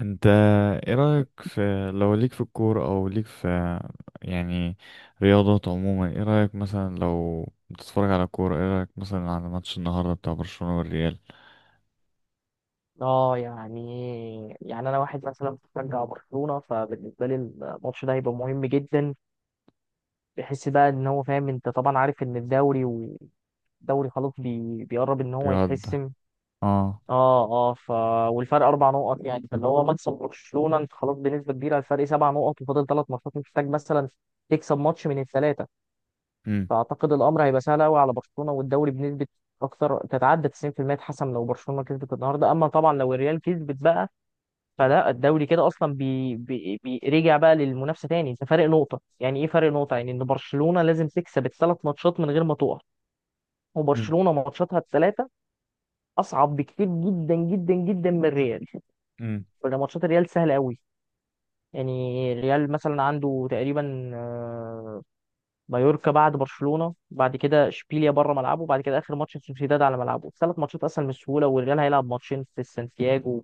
انت، ايه رأيك في، لو ليك في الكورة او ليك في، يعني، رياضات عموما؟ ايه رأيك مثلا لو بتتفرج على كورة؟ ايه رأيك مثلا على ماتش النهاردة بتاع برشلونة والريال؟ يعني انا واحد مثلا بشجع برشلونه، فبالنسبه لي الماتش ده هيبقى مهم جدا. بحس بقى ان هو فاهم، انت طبعا عارف ان الدوري والدوري خلاص بيقرب ان هو بيقعد. يتحسم. اه. اه اه ف والفرق اربع نقط، يعني فاللي هو مكسب برشلونه انت خلاص بنسبه كبيره الفرق سبع نقط وفاضل ثلاث ماتشات، محتاج مثلا تكسب ماتش من الثلاثه. امم. فاعتقد الامر هيبقى سهل قوي على برشلونه، والدوري بنسبه اكثر تتعدى 90% اتحسم لو برشلونه كسبت النهارده. اما طبعا لو الريال كسبت بقى فلا، الدوري كده اصلا رجع بقى للمنافسه تاني، انت فارق نقطه، يعني ايه فارق نقطه؟ يعني ان برشلونه لازم تكسب الثلاث ماتشات من غير ما تقع. امم. وبرشلونه ماتشاتها الثلاثه اصعب بكتير جدا جدا جدا من الريال، امم. ولا ماتشات الريال سهله قوي. يعني الريال مثلا عنده تقريبا مايوركا، بعد برشلونه، بعد كده اشبيليا بره ملعبه، بعد كده اخر ماتش سوسيداد على ملعبه. ثلاث ماتشات اسهل من السهوله، والريال هيلعب ماتشين في سانتياجو.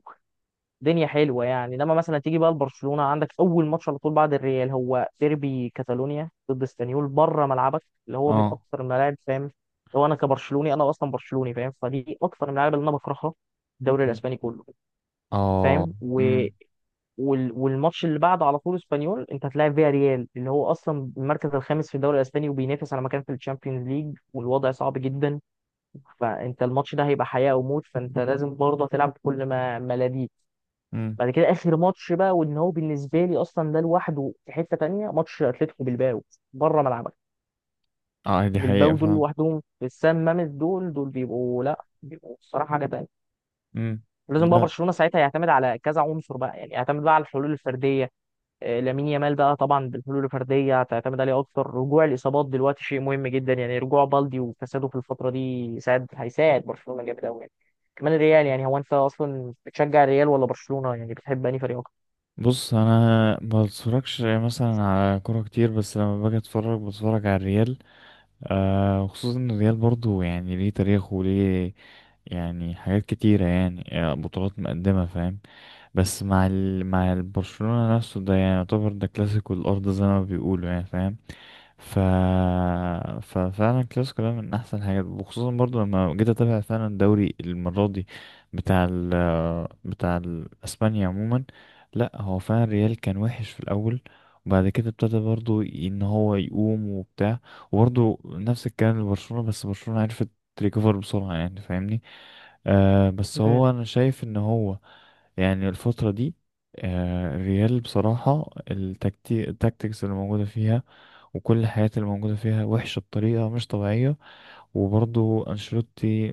دنيا حلوه. يعني لما مثلا تيجي بقى لبرشلونه عندك اول ماتش على طول بعد الريال هو ديربي كاتالونيا ضد اسبانيول بره ملعبك، اللي هو من اه. اكثر الملاعب، فاهم. هو انا كبرشلوني، انا اصلا برشلوني فاهم، فدي اكثر الملاعب اللي انا بكرهها في الدوري امم. الاسباني كله، اه. فاهم. امم. والماتش اللي بعده على طول اسبانيول، انت هتلاعب فيها ريال اللي هو اصلا المركز الخامس في الدوري الاسباني وبينافس على مكان في الشامبيونز ليج والوضع صعب جدا. فانت الماتش ده هيبقى حياه او موت، فانت لازم برضه تلعب بكل ما لديك. امم. بعد كده اخر ماتش بقى وان هو بالنسبه لي اصلا ده لوحده في حته تانية، ماتش اتلتيكو بالباو بره ملعبك. اه، دي حقيقة بالباو دول فعلا. لوحدهم في السان مامس، دول دول بيبقوا، لا بيبقوا الصراحه حاجه تانية. امم. لازم بقى لا. برشلونه ساعتها يعتمد على كذا عنصر بقى، يعني يعتمد بقى على الحلول الفرديه. لامين يامال بقى طبعا بالحلول الفرديه هتعتمد عليه اكتر. رجوع الاصابات دلوقتي شيء مهم جدا، يعني رجوع بالدي وفساده في الفتره دي يساعد، هيساعد برشلونه جامد قوي يعني. كمان الريال، يعني هو انت اصلا بتشجع الريال ولا برشلونه؟ يعني بتحب انهي فريق اكتر؟ بص، انا ما بتفرجش مثلا على كورة كتير، بس لما باجي اتفرج بتفرج على الريال. آه، وخصوصا ان الريال برضو، يعني، ليه تاريخ وليه، يعني، حاجات كتيرة، يعني بطولات مقدمة، فاهم. بس مع البرشلونة نفسه ده، يعني يعتبر ده كلاسيكو الأرض زي ما بيقولوا، يعني فاهم. ف... ففعلا الكلاسيكو ده من احسن الحاجات، وخصوصا برضو لما جيت اتابع فعلا الدوري المره دي بتاع ال... بتاع اسبانيا عموما. لا، هو فعلا ريال كان وحش في الاول، وبعد كده ابتدى برضو ان هو يقوم وبتاع. وبرضو نفس الكلام لبرشلونه، بس برشلونه عرفت تريكفر بسرعه، يعني فاهمني. آه، بس مم. هو انا شايف ان هو، يعني، الفتره دي، الريال بصراحه التكتيكس اللي موجوده فيها وكل الحاجات اللي موجودة فيها وحشة بطريقة مش طبيعية. وبرضه أنشيلوتي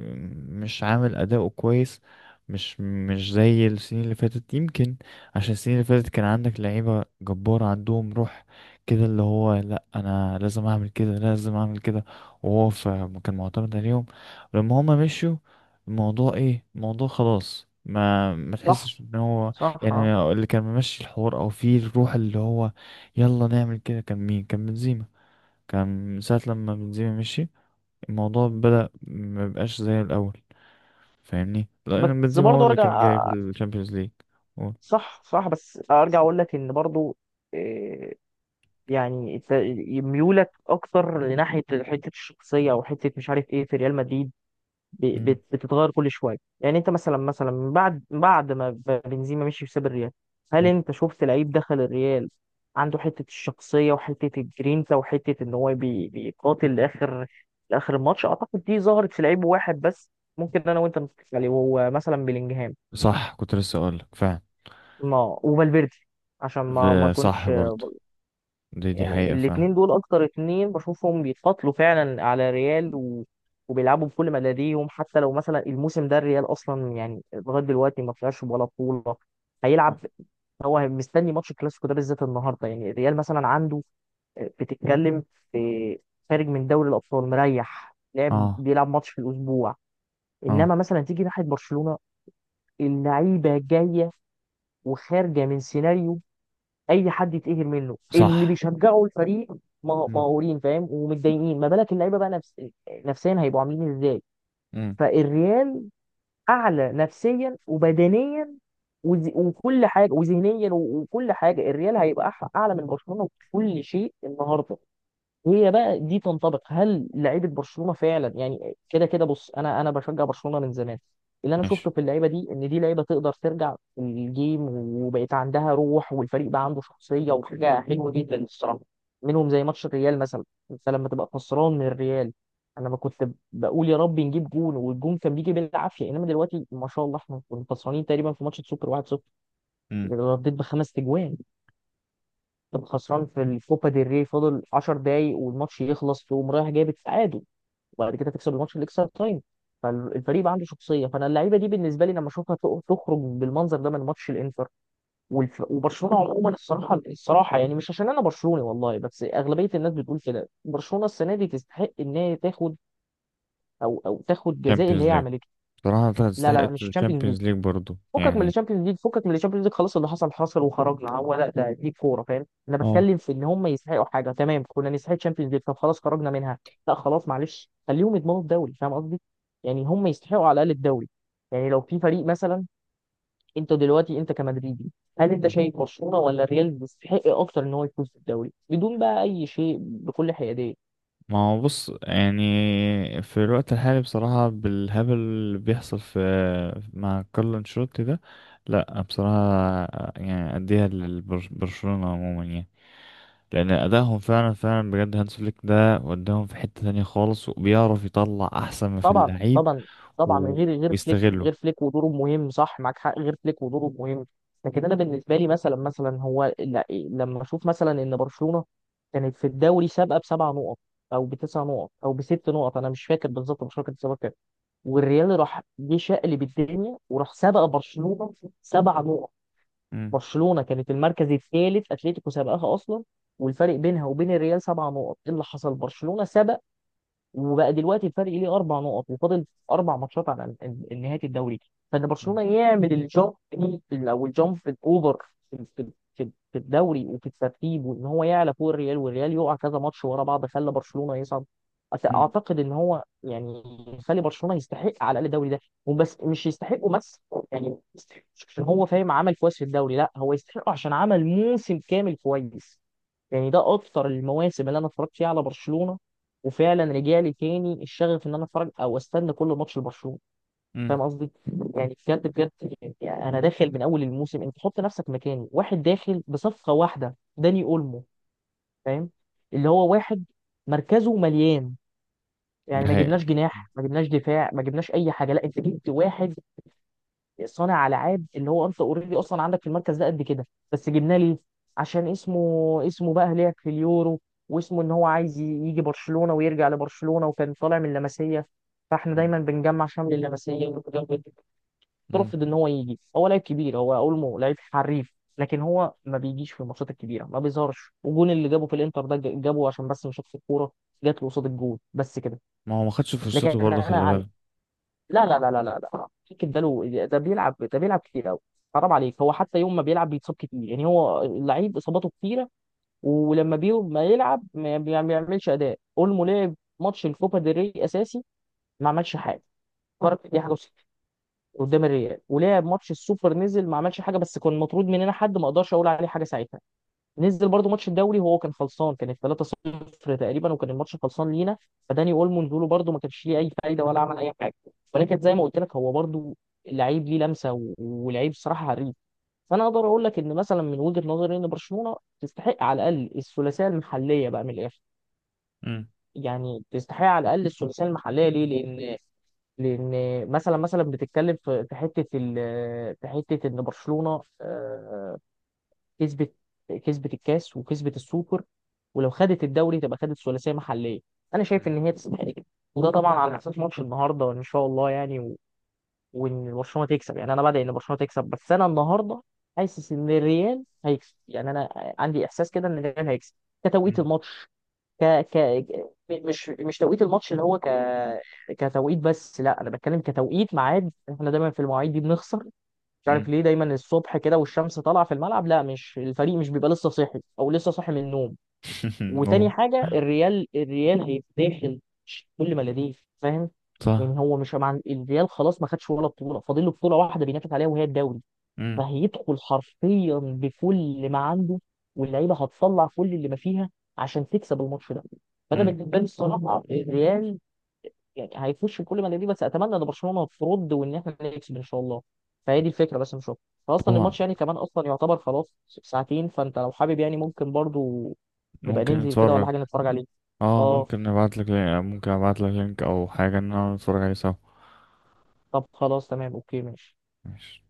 مش عامل أداؤه كويس، مش زي السنين اللي فاتت يمكن، عشان السنين اللي فاتت كان عندك لعيبة جبارة عندهم روح، كده اللي هو: لأ، أنا لازم أعمل كده، لازم أعمل كده. وهو كان معتمد عليهم. لما هما مشيوا، الموضوع إيه، الموضوع خلاص، ما صح تحسش ان هو، صح آه. يعني، اللي كان ممشي الحوار او فيه الروح اللي هو يلا نعمل كده. كان مين؟ كان بنزيما. كان من ساعة لما بنزيما مشي الموضوع بدأ مبقاش زي الأول، فاهمني؟ لأن بس بنزيما هو برضه اللي ارجع، كان جايب الشامبيونز ليج. صح صح، بس ارجع اقول لك ان برضه إيه، يعني إنت ميولك اكتر لناحيه حته الشخصيه او حته مش عارف ايه في ريال مدريد مم. بتتغير كل شويه. يعني انت مثلا من بعد ما بنزيما مشي وساب الريال، هل مم. انت شفت لعيب دخل الريال عنده حته الشخصيه وحته الجرينتا وحته ان هو بيقاتل لاخر لاخر الماتش؟ اعتقد دي ظهرت في لعيب واحد بس ممكن انا وانت نتفق عليه، وهو مثلا بلينجهام، صح، كنت لسه أقولك فعلا. ما وفالفيردي، عشان ما ده صح اكونش، برضو. دي يعني حقيقة فعلا. الاتنين دول اكتر اتنين بشوفهم بيتقاتلوا فعلا على ريال وبيلعبوا بكل ما لديهم، حتى لو مثلا الموسم ده الريال اصلا يعني لغايه دلوقتي ما طلعش ولا بطوله. هيلعب، آه. هو مستني ماتش الكلاسيكو ده بالذات النهارده. يعني الريال مثلا عنده بتتكلم في، خارج من دوري الابطال مريح، لعب اه. بيلعب ماتش في الاسبوع. اه. انما مثلا تيجي ناحيه برشلونه، اللعيبه جايه وخارجه من سيناريو اي حد يتقهر منه، اللي صح. بيشجعوا الفريق مم. مقهورين فاهم ومتضايقين، ما بالك اللعيبه بقى نفسيا هيبقوا عاملين ازاي؟ مم. فالريال اعلى نفسيا وبدنيا وكل حاجه وذهنيا وكل حاجه، الريال هيبقى اعلى من برشلونه في كل شيء النهارده. هي بقى دي تنطبق هل لعيبه برشلونه فعلا؟ يعني كده كده بص، انا بشجع برشلونه من زمان، اللي انا شفته ماشي. في اللعيبه دي ان دي لعيبه تقدر ترجع الجيم وبقيت عندها روح، والفريق بقى عنده شخصيه وحاجه حلوه جدا الصراحه منهم، زي ماتش الريال مثلا. انت لما تبقى خسران من الريال، انا ما كنت بقول يا رب نجيب جون والجون كان بيجي بالعافيه، انما دلوقتي ما شاء الله، احنا كنا خسرانين تقريبا في ماتش السوبر 1-0 مم. رديت بخمس تجوان. كان خسران في الكوبا ديل ري فاضل 10 دقايق والماتش يخلص، تقوم رايح جايب التعادل، وبعد كده تكسب الماتش الاكسترا تايم. فالفريق بقى عنده شخصيه. فانا اللعيبه دي بالنسبه لي لما اشوفها تخرج بالمنظر ده من ماتش الانتر وبرشلونه عموما الصراحه الصراحه، يعني مش عشان انا برشلوني والله، بس اغلبيه الناس بتقول كده، برشلونه السنه دي تستحق ان هي تاخد او او تاخد جزاء اللي شامبيونز هي ليج، عملته. بصراحة لا لا، تستحق مش تشامبيونز ليج، الشامبيونز ليج برضو فكك من يعني. الشامبيونز ليج، فكك من الشامبيونز ليج خلاص، اللي حصل حصل وخرجنا. هو لا ده دي كوره فاهم، انا اه، بتكلم في ان هم يستحقوا حاجه تمام. كنا نستحق الشامبيونز ليج، طب خلاص خرجنا منها، لا خلاص معلش خليهم يضمنوا الدوري، فاهم قصدي؟ يعني هم يستحقوا على الاقل الدوري. يعني لو في فريق مثلا، انت دلوقتي انت كمدريدي، هل انت شايف برشلونه ولا الريال يستحق اكتر ان هو يفوز بالدوري بدون بقى اي شيء بكل حياديه؟ ما هو بص، يعني، في الوقت الحالي بصراحة بالهبل اللي بيحصل في، مع كارلو انشيلوتي ده، لا بصراحة، يعني أديها لبرشلونة عموما، يعني لأن أدائهم فعلا فعلا بجد. هانس فليك ده وداهم في حتة تانية خالص، وبيعرف يطلع أحسن ما في طبعا اللعيب طبعا طبعا، و- غير فليك، ويستغله. غير فليك ودوره مهم، صح معاك حق، غير فليك ودوره مهم. لكن انا بالنسبه لي مثلا مثلا هو لما اشوف مثلا ان برشلونه كانت في الدوري سابقه بسبع نقط او بتسع نقط او بست نقط، انا مش فاكر بالظبط برشلونه كانت سابقه كام، والريال راح جه شقلب الدنيا وراح سابق برشلونه سبع نقط. مم. برشلونه كانت المركز الثالث، اتلتيكو سابقاها اصلا والفرق بينها وبين الريال سبع نقط. ايه اللي حصل؟ برشلونه سبق، وبقى دلوقتي الفرق ليه اربع نقط وفاضل اربع ماتشات على نهايه الدوري. فان مم. برشلونه يعمل الجامب دي، او الجامب الاوفر في الدوري وفي الترتيب، وان هو يعلى فوق الريال والريال يقع كذا ماتش ورا بعض خلى برشلونه يصعد، مم. اعتقد ان هو يعني يخلي برشلونه يستحق على الاقل الدوري ده. وبس مش يستحقه بس، يعني يستحق مش عشان هو فاهم عمل كويس في الدوري، لا هو يستحقه عشان عمل موسم كامل كويس. يعني ده اكتر المواسم اللي انا اتفرجت فيها على برشلونه، وفعلا رجع لي تاني الشغف ان انا اتفرج او استنى كل ماتش لبرشلونه، مم. فاهم قصدي؟ يعني بجد بجد، يعني انا داخل من اول الموسم، انت حط نفسك مكاني، واحد داخل بصفقه واحده داني اولمو، فاهم؟ اللي هو واحد مركزه مليان، يعني دي ما حقيقة. جبناش جناح، ما جبناش دفاع، ما جبناش اي حاجه، لا انت جبت واحد صانع العاب اللي هو انت اوريدي اصلا عندك في المركز ده قد كده. بس جبناه ليه؟ عشان اسمه، اسمه بقى هناك في اليورو، واسمه ان هو عايز يجي برشلونه ويرجع لبرشلونه، وكان طالع من اللمسيه، فاحنا مم. دايما بنجمع شمل اللمسيه ونتجمع. مم. رفض ان هو يجي. هو لعيب كبير، هو اولمو لعيب حريف، لكن هو ما بيجيش في الماتشات الكبيره، ما بيظهرش، والجون اللي جابه في الانتر ده جابه عشان بس مش شاف الكوره، جات له قصاد الجون بس كده. ما هو ما خدش لكن فرصته برضه، خلي انا، بالك. لا لا لا لا لا لا، فكر ده له، ده بيلعب، ده بيلعب كتير قوي. حرام عليك، هو حتى يوم ما بيلعب بيتصاب كتير، يعني هو اللعيب اصاباته كتيره، ولما بيوم ما يلعب ما بيعملش اداء. اولمو لعب ماتش الكوبا ديل ري اساسي، ما عملش حاجه، فرق دي حاجه وستين قدام الريال. ولعب ماتش السوبر، نزل ما عملش حاجه، بس كان مطرود مننا حد ما اقدرش اقول عليه حاجه ساعتها. نزل برضو ماتش الدوري وهو كان خلصان، كانت 3-0 تقريبا وكان الماتش خلصان لينا، فداني اولمو نزوله برضو ما كانش ليه اي فايده ولا عمل اي حاجه. ولكن زي ما قلت لك هو برضو لعيب ليه لمسه ولعيب صراحه حريف. فانا اقدر اقول لك ان مثلا من وجهه نظري ان برشلونه تستحق على الاقل الثلاثيه المحليه بقى من الاخر. مم. يعني تستحق على الاقل الثلاثيه المحليه، ليه؟ لان، لان مثلا مثلا بتتكلم في في حته في حته ان برشلونه كسبت، كسبت الكاس وكسبت السوبر، ولو خدت الدوري تبقى خدت ثلاثيه محليه، انا شايف مم. ان هي تستحق كده. وده طبعا على اساس ماتش النهارده وان شاء الله يعني وان برشلونه تكسب، يعني انا بدعي ان برشلونه تكسب بس انا النهارده حاسس ان الريال هيكسب. يعني انا عندي احساس كده ان الريال هيكسب كتوقيت مم. الماتش، ك... ك... م- مش مش توقيت الماتش اللي هو كتوقيت بس، لا انا بتكلم كتوقيت ميعاد، احنا دايما في المواعيد دي بنخسر، مش عارف مم. ليه دايما الصبح كده والشمس طالعه في الملعب، لا مش الفريق مش بيبقى لسه صاحي او لسه صاحي من النوم. وتاني هو حاجه الريال، الريال هيتداخل كل ما لديه فاهم. صح. يعني هو مش مع الريال خلاص ما خدش ولا بطوله، فاضل له بطوله واحده بينافس عليها وهي الدوري، مم. فهيدخل حرفيا بكل ما عنده، واللعيبه هتطلع كل اللي ما فيها عشان تكسب الماتش ده. فانا مم. بالنسبه لي الصراحه الريال يعني هيفوش في كل ما دي، بس اتمنى ان برشلونه ترد وان احنا نكسب ان شاء الله. فهي دي الفكره بس، مش اكتر. فاصلا طبعا، الماتش يعني كمان اصلا يعتبر خلاص ساعتين، فانت لو حابب يعني ممكن برضو نبقى ممكن ننزل كده ولا نتفرج. حاجه نتفرج عليه. اه، اه ممكن نبعتلك لك ممكن ابعتلك لينك او حاجة ان انا نتفرج عليه سوا. طب خلاص، تمام اوكي ماشي. ماشي.